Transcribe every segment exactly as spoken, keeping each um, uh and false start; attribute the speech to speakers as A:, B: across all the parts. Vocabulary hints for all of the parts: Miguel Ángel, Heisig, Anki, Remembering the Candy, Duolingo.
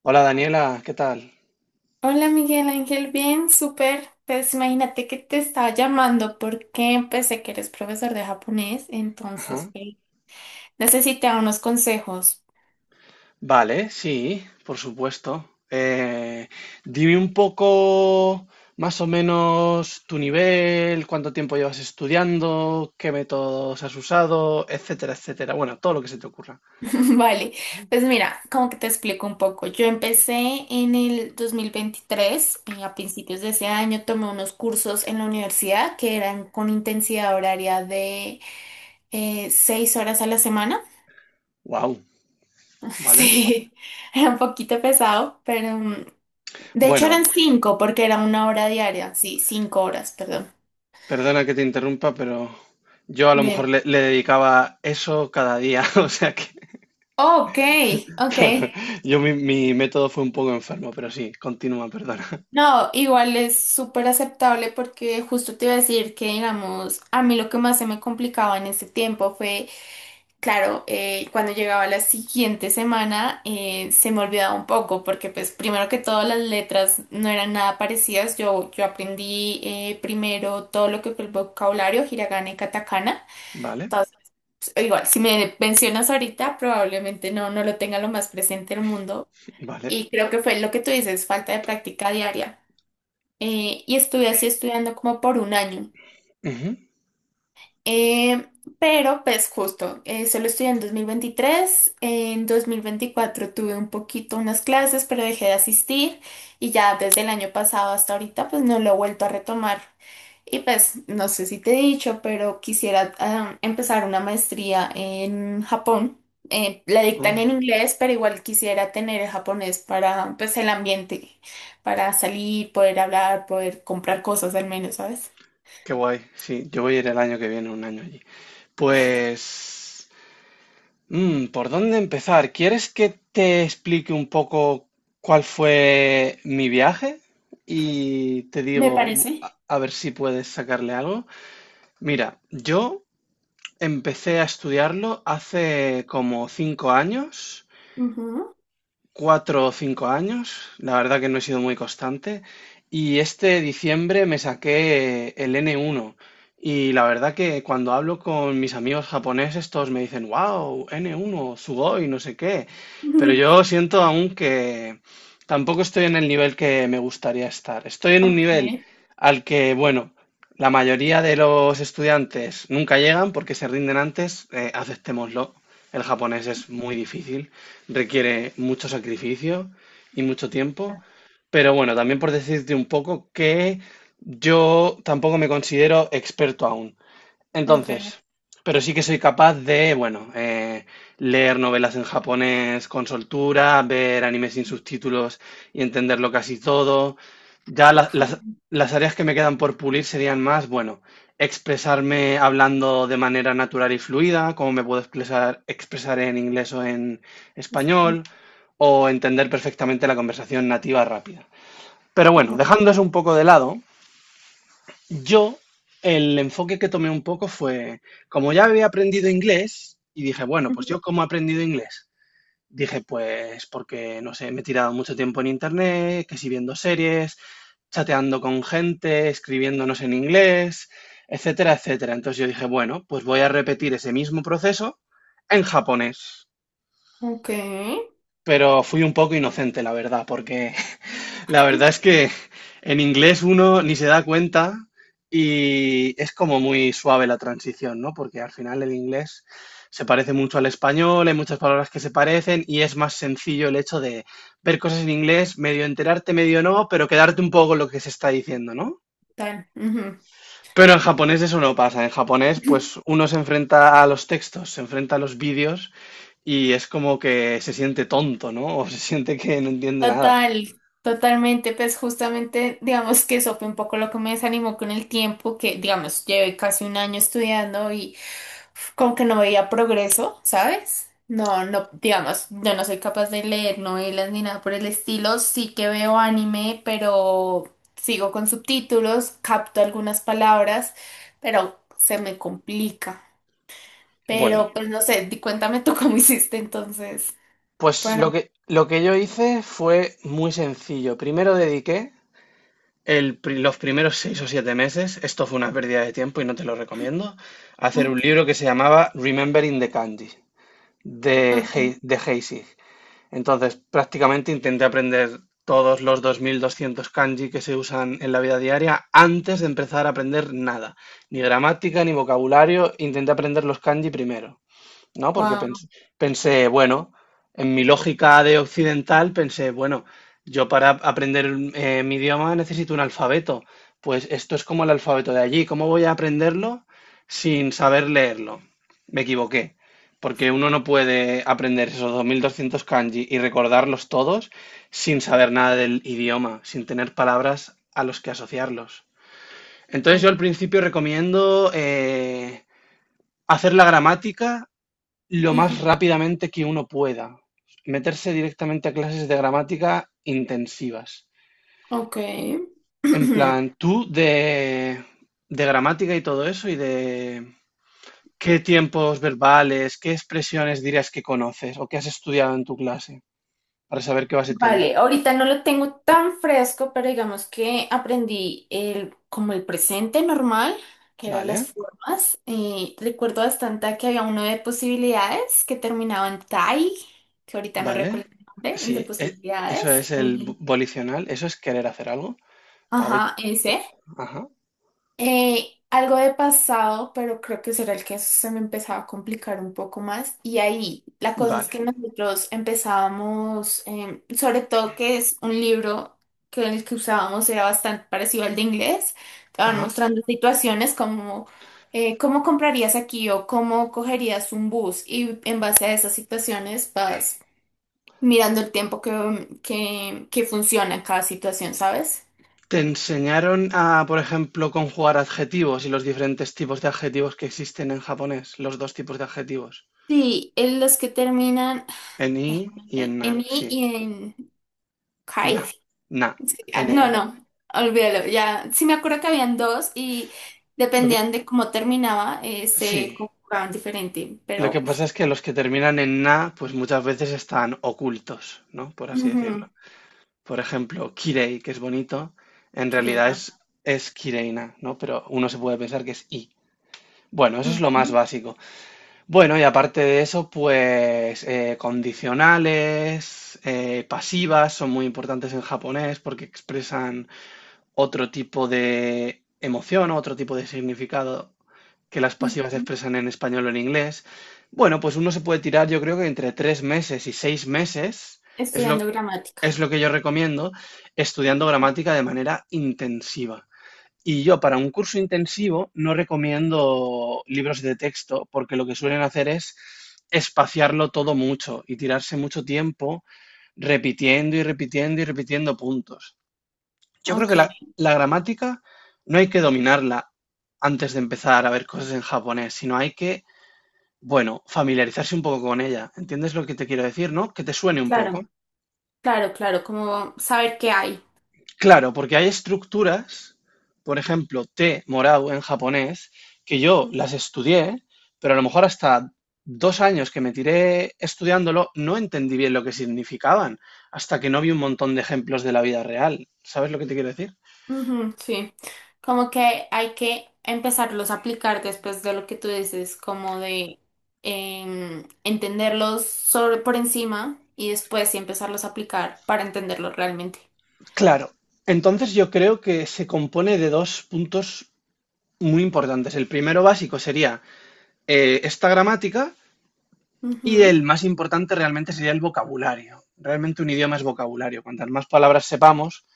A: Hola Daniela, ¿qué tal?
B: Hola Miguel Ángel, bien, súper. Pues imagínate que te estaba llamando porque pensé que eres profesor de japonés, entonces
A: Ajá.
B: pues, necesitaba unos consejos.
A: Vale, sí, por supuesto. Eh, dime un poco más o menos tu nivel, cuánto tiempo llevas estudiando, qué métodos has usado, etcétera, etcétera. Bueno, todo lo que se te ocurra.
B: Vale, pues mira, como que te explico un poco. Yo empecé en el dos mil veintitrés, eh, a principios de ese año tomé unos cursos en la universidad que eran con intensidad horaria de eh, seis horas a la semana.
A: Wow, ¿vale?
B: Sí, era un poquito pesado, pero, mm, de hecho
A: Bueno,
B: eran cinco porque era una hora diaria, sí, cinco horas, perdón.
A: perdona que te interrumpa, pero yo a lo
B: De...
A: mejor le, le dedicaba eso cada día, o sea que,
B: Ok, ok.
A: claro, yo mi, mi método fue un poco enfermo, pero sí, continúa, perdona.
B: No, igual es súper aceptable porque justo te iba a decir que, digamos, a mí lo que más se me complicaba en ese tiempo fue, claro, eh, cuando llegaba la siguiente semana eh, se me olvidaba un poco porque, pues, primero que todo las letras no eran nada parecidas. Yo, yo aprendí eh, primero todo lo que fue el vocabulario, hiragana y katakana.
A: Vale,
B: Igual, si me mencionas ahorita, probablemente no, no lo tenga lo más presente el mundo.
A: vale.
B: Y creo que fue lo que tú dices, falta de práctica diaria. Eh, y estuve así estudiando como por un año. Eh, pero pues justo, eh, solo estudié en dos mil veintitrés, en dos mil veinticuatro tuve un poquito unas clases, pero dejé de asistir y ya desde el año pasado hasta ahorita pues no lo he vuelto a retomar. Y pues no sé si te he dicho, pero quisiera ah, empezar una maestría en Japón. Eh, la
A: Oh,
B: dictan en inglés, pero igual quisiera tener el japonés para pues el ambiente, para salir, poder hablar, poder comprar cosas al menos, ¿sabes?
A: qué guay. Sí, yo voy a ir el año que viene, un año allí. Pues, mm, ¿por dónde empezar? ¿Quieres que te explique un poco cuál fue mi viaje? Y te
B: Me
A: digo,
B: parece.
A: a, a ver si puedes sacarle algo. Mira, yo empecé a estudiarlo hace como cinco años,
B: Ujú.
A: cuatro o cinco años. La verdad que no he sido muy constante. Y este diciembre me saqué el N uno. Y la verdad que cuando hablo con mis amigos japoneses, todos me dicen, wow, N uno, sugoi, no sé qué. Pero yo siento aún que tampoco estoy en el nivel que me gustaría estar. Estoy en un
B: Ok,
A: nivel al que, bueno, la mayoría de los estudiantes nunca llegan porque se rinden antes, eh, aceptémoslo. El japonés es muy difícil, requiere mucho sacrificio y mucho tiempo. Pero bueno, también por decirte un poco que yo tampoco me considero experto aún.
B: ok.
A: Entonces, pero sí que soy capaz de, bueno, eh, leer novelas en japonés con soltura, ver animes sin subtítulos y entenderlo casi todo. Ya la- las, las áreas que me quedan por pulir serían más, bueno, expresarme hablando de manera natural y fluida, como me puedo expresar, expresar en inglés o en español, o entender perfectamente la conversación nativa rápida. Pero bueno,
B: Bueno,
A: dejando eso un poco de lado, yo, el enfoque que tomé un poco fue, como ya había aprendido inglés, y dije, bueno, pues
B: ujú.
A: yo cómo he aprendido inglés. Dije, pues porque, no sé, me he tirado mucho tiempo en internet, que si viendo series, chateando con gente, escribiéndonos en inglés, etcétera, etcétera. Entonces yo dije, bueno, pues voy a repetir ese mismo proceso en japonés.
B: Ok,
A: Pero fui un poco inocente, la verdad, porque la verdad es que en inglés uno ni se da cuenta y es como muy suave la transición, ¿no? Porque al final el inglés se parece mucho al español, hay muchas palabras que se parecen y es más sencillo el hecho de ver cosas en inglés, medio enterarte, medio no, pero quedarte un poco con lo que se está diciendo, ¿no?
B: tal. Ujú.
A: Pero en japonés eso no pasa. En japonés, pues uno se enfrenta a los textos, se enfrenta a los vídeos y es como que se siente tonto, ¿no? O se siente que no entiende nada.
B: Total, totalmente, pues justamente, digamos que eso fue un poco lo que me desanimó con el tiempo, que digamos, llevé casi un año estudiando y uf, como que no veía progreso, ¿sabes? No, no, digamos, yo no soy capaz de leer novelas ni nada por el estilo, sí que veo anime, pero sigo con subtítulos, capto algunas palabras, pero se me complica.
A: Bueno,
B: Pero pues no sé, di- cuéntame tú cómo hiciste entonces.
A: pues
B: Para...
A: lo que, lo que yo hice fue muy sencillo. Primero dediqué el pri- los primeros seis o siete meses, esto fue una pérdida de tiempo y no te lo recomiendo, a hacer un
B: Ok,
A: libro que se llamaba Remembering the Candy de,
B: ok.
A: Hei- de Heisig. Entonces, prácticamente intenté aprender todos los dos mil doscientos kanji que se usan en la vida diaria antes de empezar a aprender nada, ni gramática ni vocabulario, intenté aprender los kanji primero, ¿no? Porque
B: Wow.
A: pens- pensé, bueno, en mi lógica de occidental, pensé, bueno, yo para aprender eh, mi idioma necesito un alfabeto. Pues esto es como el alfabeto de allí. ¿Cómo voy a aprenderlo sin saber leerlo? Me equivoqué, porque uno no puede aprender esos dos mil doscientos kanji y recordarlos todos sin saber nada del idioma, sin tener palabras a los que asociarlos. Entonces yo al
B: Claro.
A: principio recomiendo eh, hacer la gramática lo más
B: Ujú,
A: rápidamente que uno pueda. Meterse directamente a clases de gramática intensivas.
B: ok.
A: En plan, tú de, de, gramática y todo eso y de qué tiempos verbales, qué expresiones dirías que conoces o que has estudiado en tu clase para saber qué base
B: Vale,
A: tienes.
B: ahorita no lo tengo tan fresco, pero digamos que aprendí el, como el presente normal, que eran las
A: Vale,
B: formas. Eh, recuerdo bastante que había uno de posibilidades que terminaba en tai, que ahorita no
A: vale.
B: recuerdo el nombre, el de
A: Sí, e- eso
B: posibilidades.
A: es el bo-
B: Eh,
A: volicional, eso es querer hacer algo. Sabe-
B: ajá, ese.
A: Ajá,
B: Eh, algo de pasado, pero creo que será el que se me empezaba a complicar un poco más. Y ahí la cosa es
A: vale.
B: que nosotros empezábamos, em, sobre todo que es un libro que el que usábamos era bastante parecido al de inglés. Te van
A: Ajá.
B: mostrando situaciones como eh, cómo comprarías aquí o cómo cogerías un bus. Y en base a esas situaciones vas mirando el tiempo que, que, que funciona en cada situación, ¿sabes?
A: ¿Te enseñaron a, por ejemplo, conjugar adjetivos y los diferentes tipos de adjetivos que existen en japonés? Los dos tipos de adjetivos,
B: Sí, en los que terminan.
A: en i y en
B: En
A: na,
B: en I
A: sí.
B: y en Kai.
A: Na, na,
B: Sí, ah,
A: na.
B: no, no, olvídalo. Ya sí me acuerdo que habían dos y
A: Lo que-
B: dependían de cómo terminaba, eh, se
A: sí,
B: conjugaban diferente.
A: lo que
B: Pero, uff,
A: pasa es que los que terminan en na, pues muchas veces están ocultos, ¿no? Por así decirlo.
B: ujú,
A: Por ejemplo, kirei, que es bonito, en realidad
B: querida,
A: es, es kireina, ¿no? Pero uno se puede pensar que es i. Bueno, eso es lo más
B: ujú,
A: básico. Bueno, y aparte de eso, pues eh, condicionales, eh, pasivas son muy importantes en japonés porque expresan otro tipo de emoción, otro tipo de significado que las pasivas
B: ujú.
A: expresan en español o en inglés. Bueno, pues uno se puede tirar, yo creo que entre tres meses y seis meses, es lo,
B: Estudiando
A: es
B: gramática.
A: lo que yo recomiendo, estudiando gramática de manera intensiva. Y yo para un curso intensivo no recomiendo libros de texto porque lo que suelen hacer es espaciarlo todo mucho y tirarse mucho tiempo repitiendo y repitiendo y repitiendo puntos. Yo creo que
B: Ok,
A: la, la gramática no hay que dominarla antes de empezar a ver cosas en japonés, sino hay que, bueno, familiarizarse un poco con ella. ¿Entiendes lo que te quiero decir, no? Que te suene un poco.
B: claro, claro, claro, como saber qué hay.
A: Claro, porque hay estructuras, por ejemplo, T morado en japonés, que yo las estudié, pero a lo mejor hasta dos años que me tiré estudiándolo no entendí bien lo que significaban, hasta que no vi un montón de ejemplos de la vida real. ¿Sabes lo que te quiero decir?
B: Ujú, sí, como que hay que empezarlos a aplicar después de lo que tú dices, como de em, entenderlos sobre, por encima y después sí empezarlos a aplicar para entenderlos realmente.
A: Claro, entonces yo creo que se compone de dos puntos muy importantes. El primero básico sería eh, esta gramática y
B: Ujú,
A: el más importante realmente sería el vocabulario. Realmente un idioma es vocabulario. Cuantas más palabras sepamos,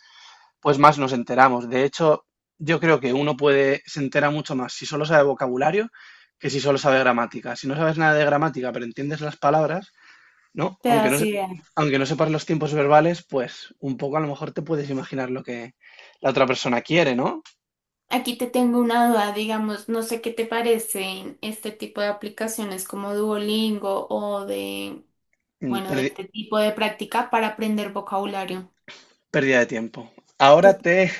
A: pues más nos enteramos. De hecho, yo creo que uno puede, se entera mucho más si solo sabe vocabulario que si solo sabe gramática. Si no sabes nada de gramática, pero entiendes las palabras, ¿no?
B: te
A: Aunque no,
B: das
A: se-
B: idea.
A: aunque no sepas los tiempos verbales, pues un poco a lo mejor te puedes imaginar lo que la otra persona quiere, ¿no?
B: Aquí te tengo una duda, digamos, no sé qué te parecen este tipo de aplicaciones como Duolingo o de,
A: Mm,
B: bueno, de
A: perdi-
B: este tipo de práctica para aprender vocabulario.
A: Pérdida de tiempo.
B: ¿Qué
A: Ahora
B: te-
A: te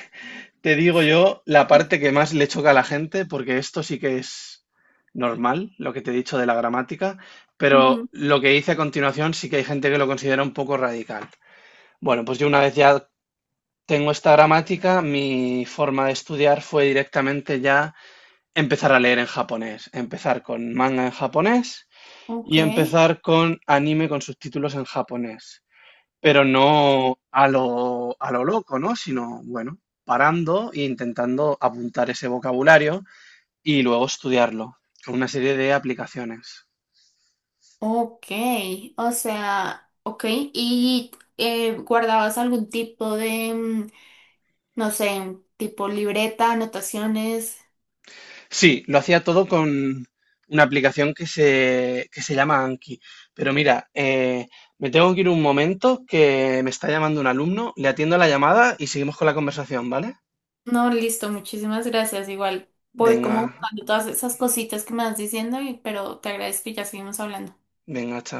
A: Te digo yo la parte que más le choca a la gente, porque esto sí que es normal, lo que te he dicho de la gramática, pero
B: Ujú,
A: lo que hice a continuación sí que hay gente que lo considera un poco radical. Bueno, pues yo una vez ya tengo esta gramática, mi forma de estudiar fue directamente ya empezar a leer en japonés, empezar con manga en japonés
B: ok.
A: y empezar con anime con subtítulos en japonés pero no a lo, a lo loco, ¿no? Sino, bueno, parando e intentando apuntar ese vocabulario y luego estudiarlo con una serie de aplicaciones.
B: Ok, o sea, ok, ¿y eh, guardabas algún tipo de, mm, no sé, tipo libreta, anotaciones?
A: Sí, lo hacía todo con una aplicación que se, que se llama Anki. Pero mira, eh, me tengo que ir un momento que me está llamando un alumno, le atiendo la llamada y seguimos con la conversación, ¿vale?
B: No, listo, muchísimas gracias. Igual voy
A: Venga,
B: como buscando todas esas cositas que me vas diciendo, y- pero te agradezco y ya seguimos hablando.
A: venga, chao.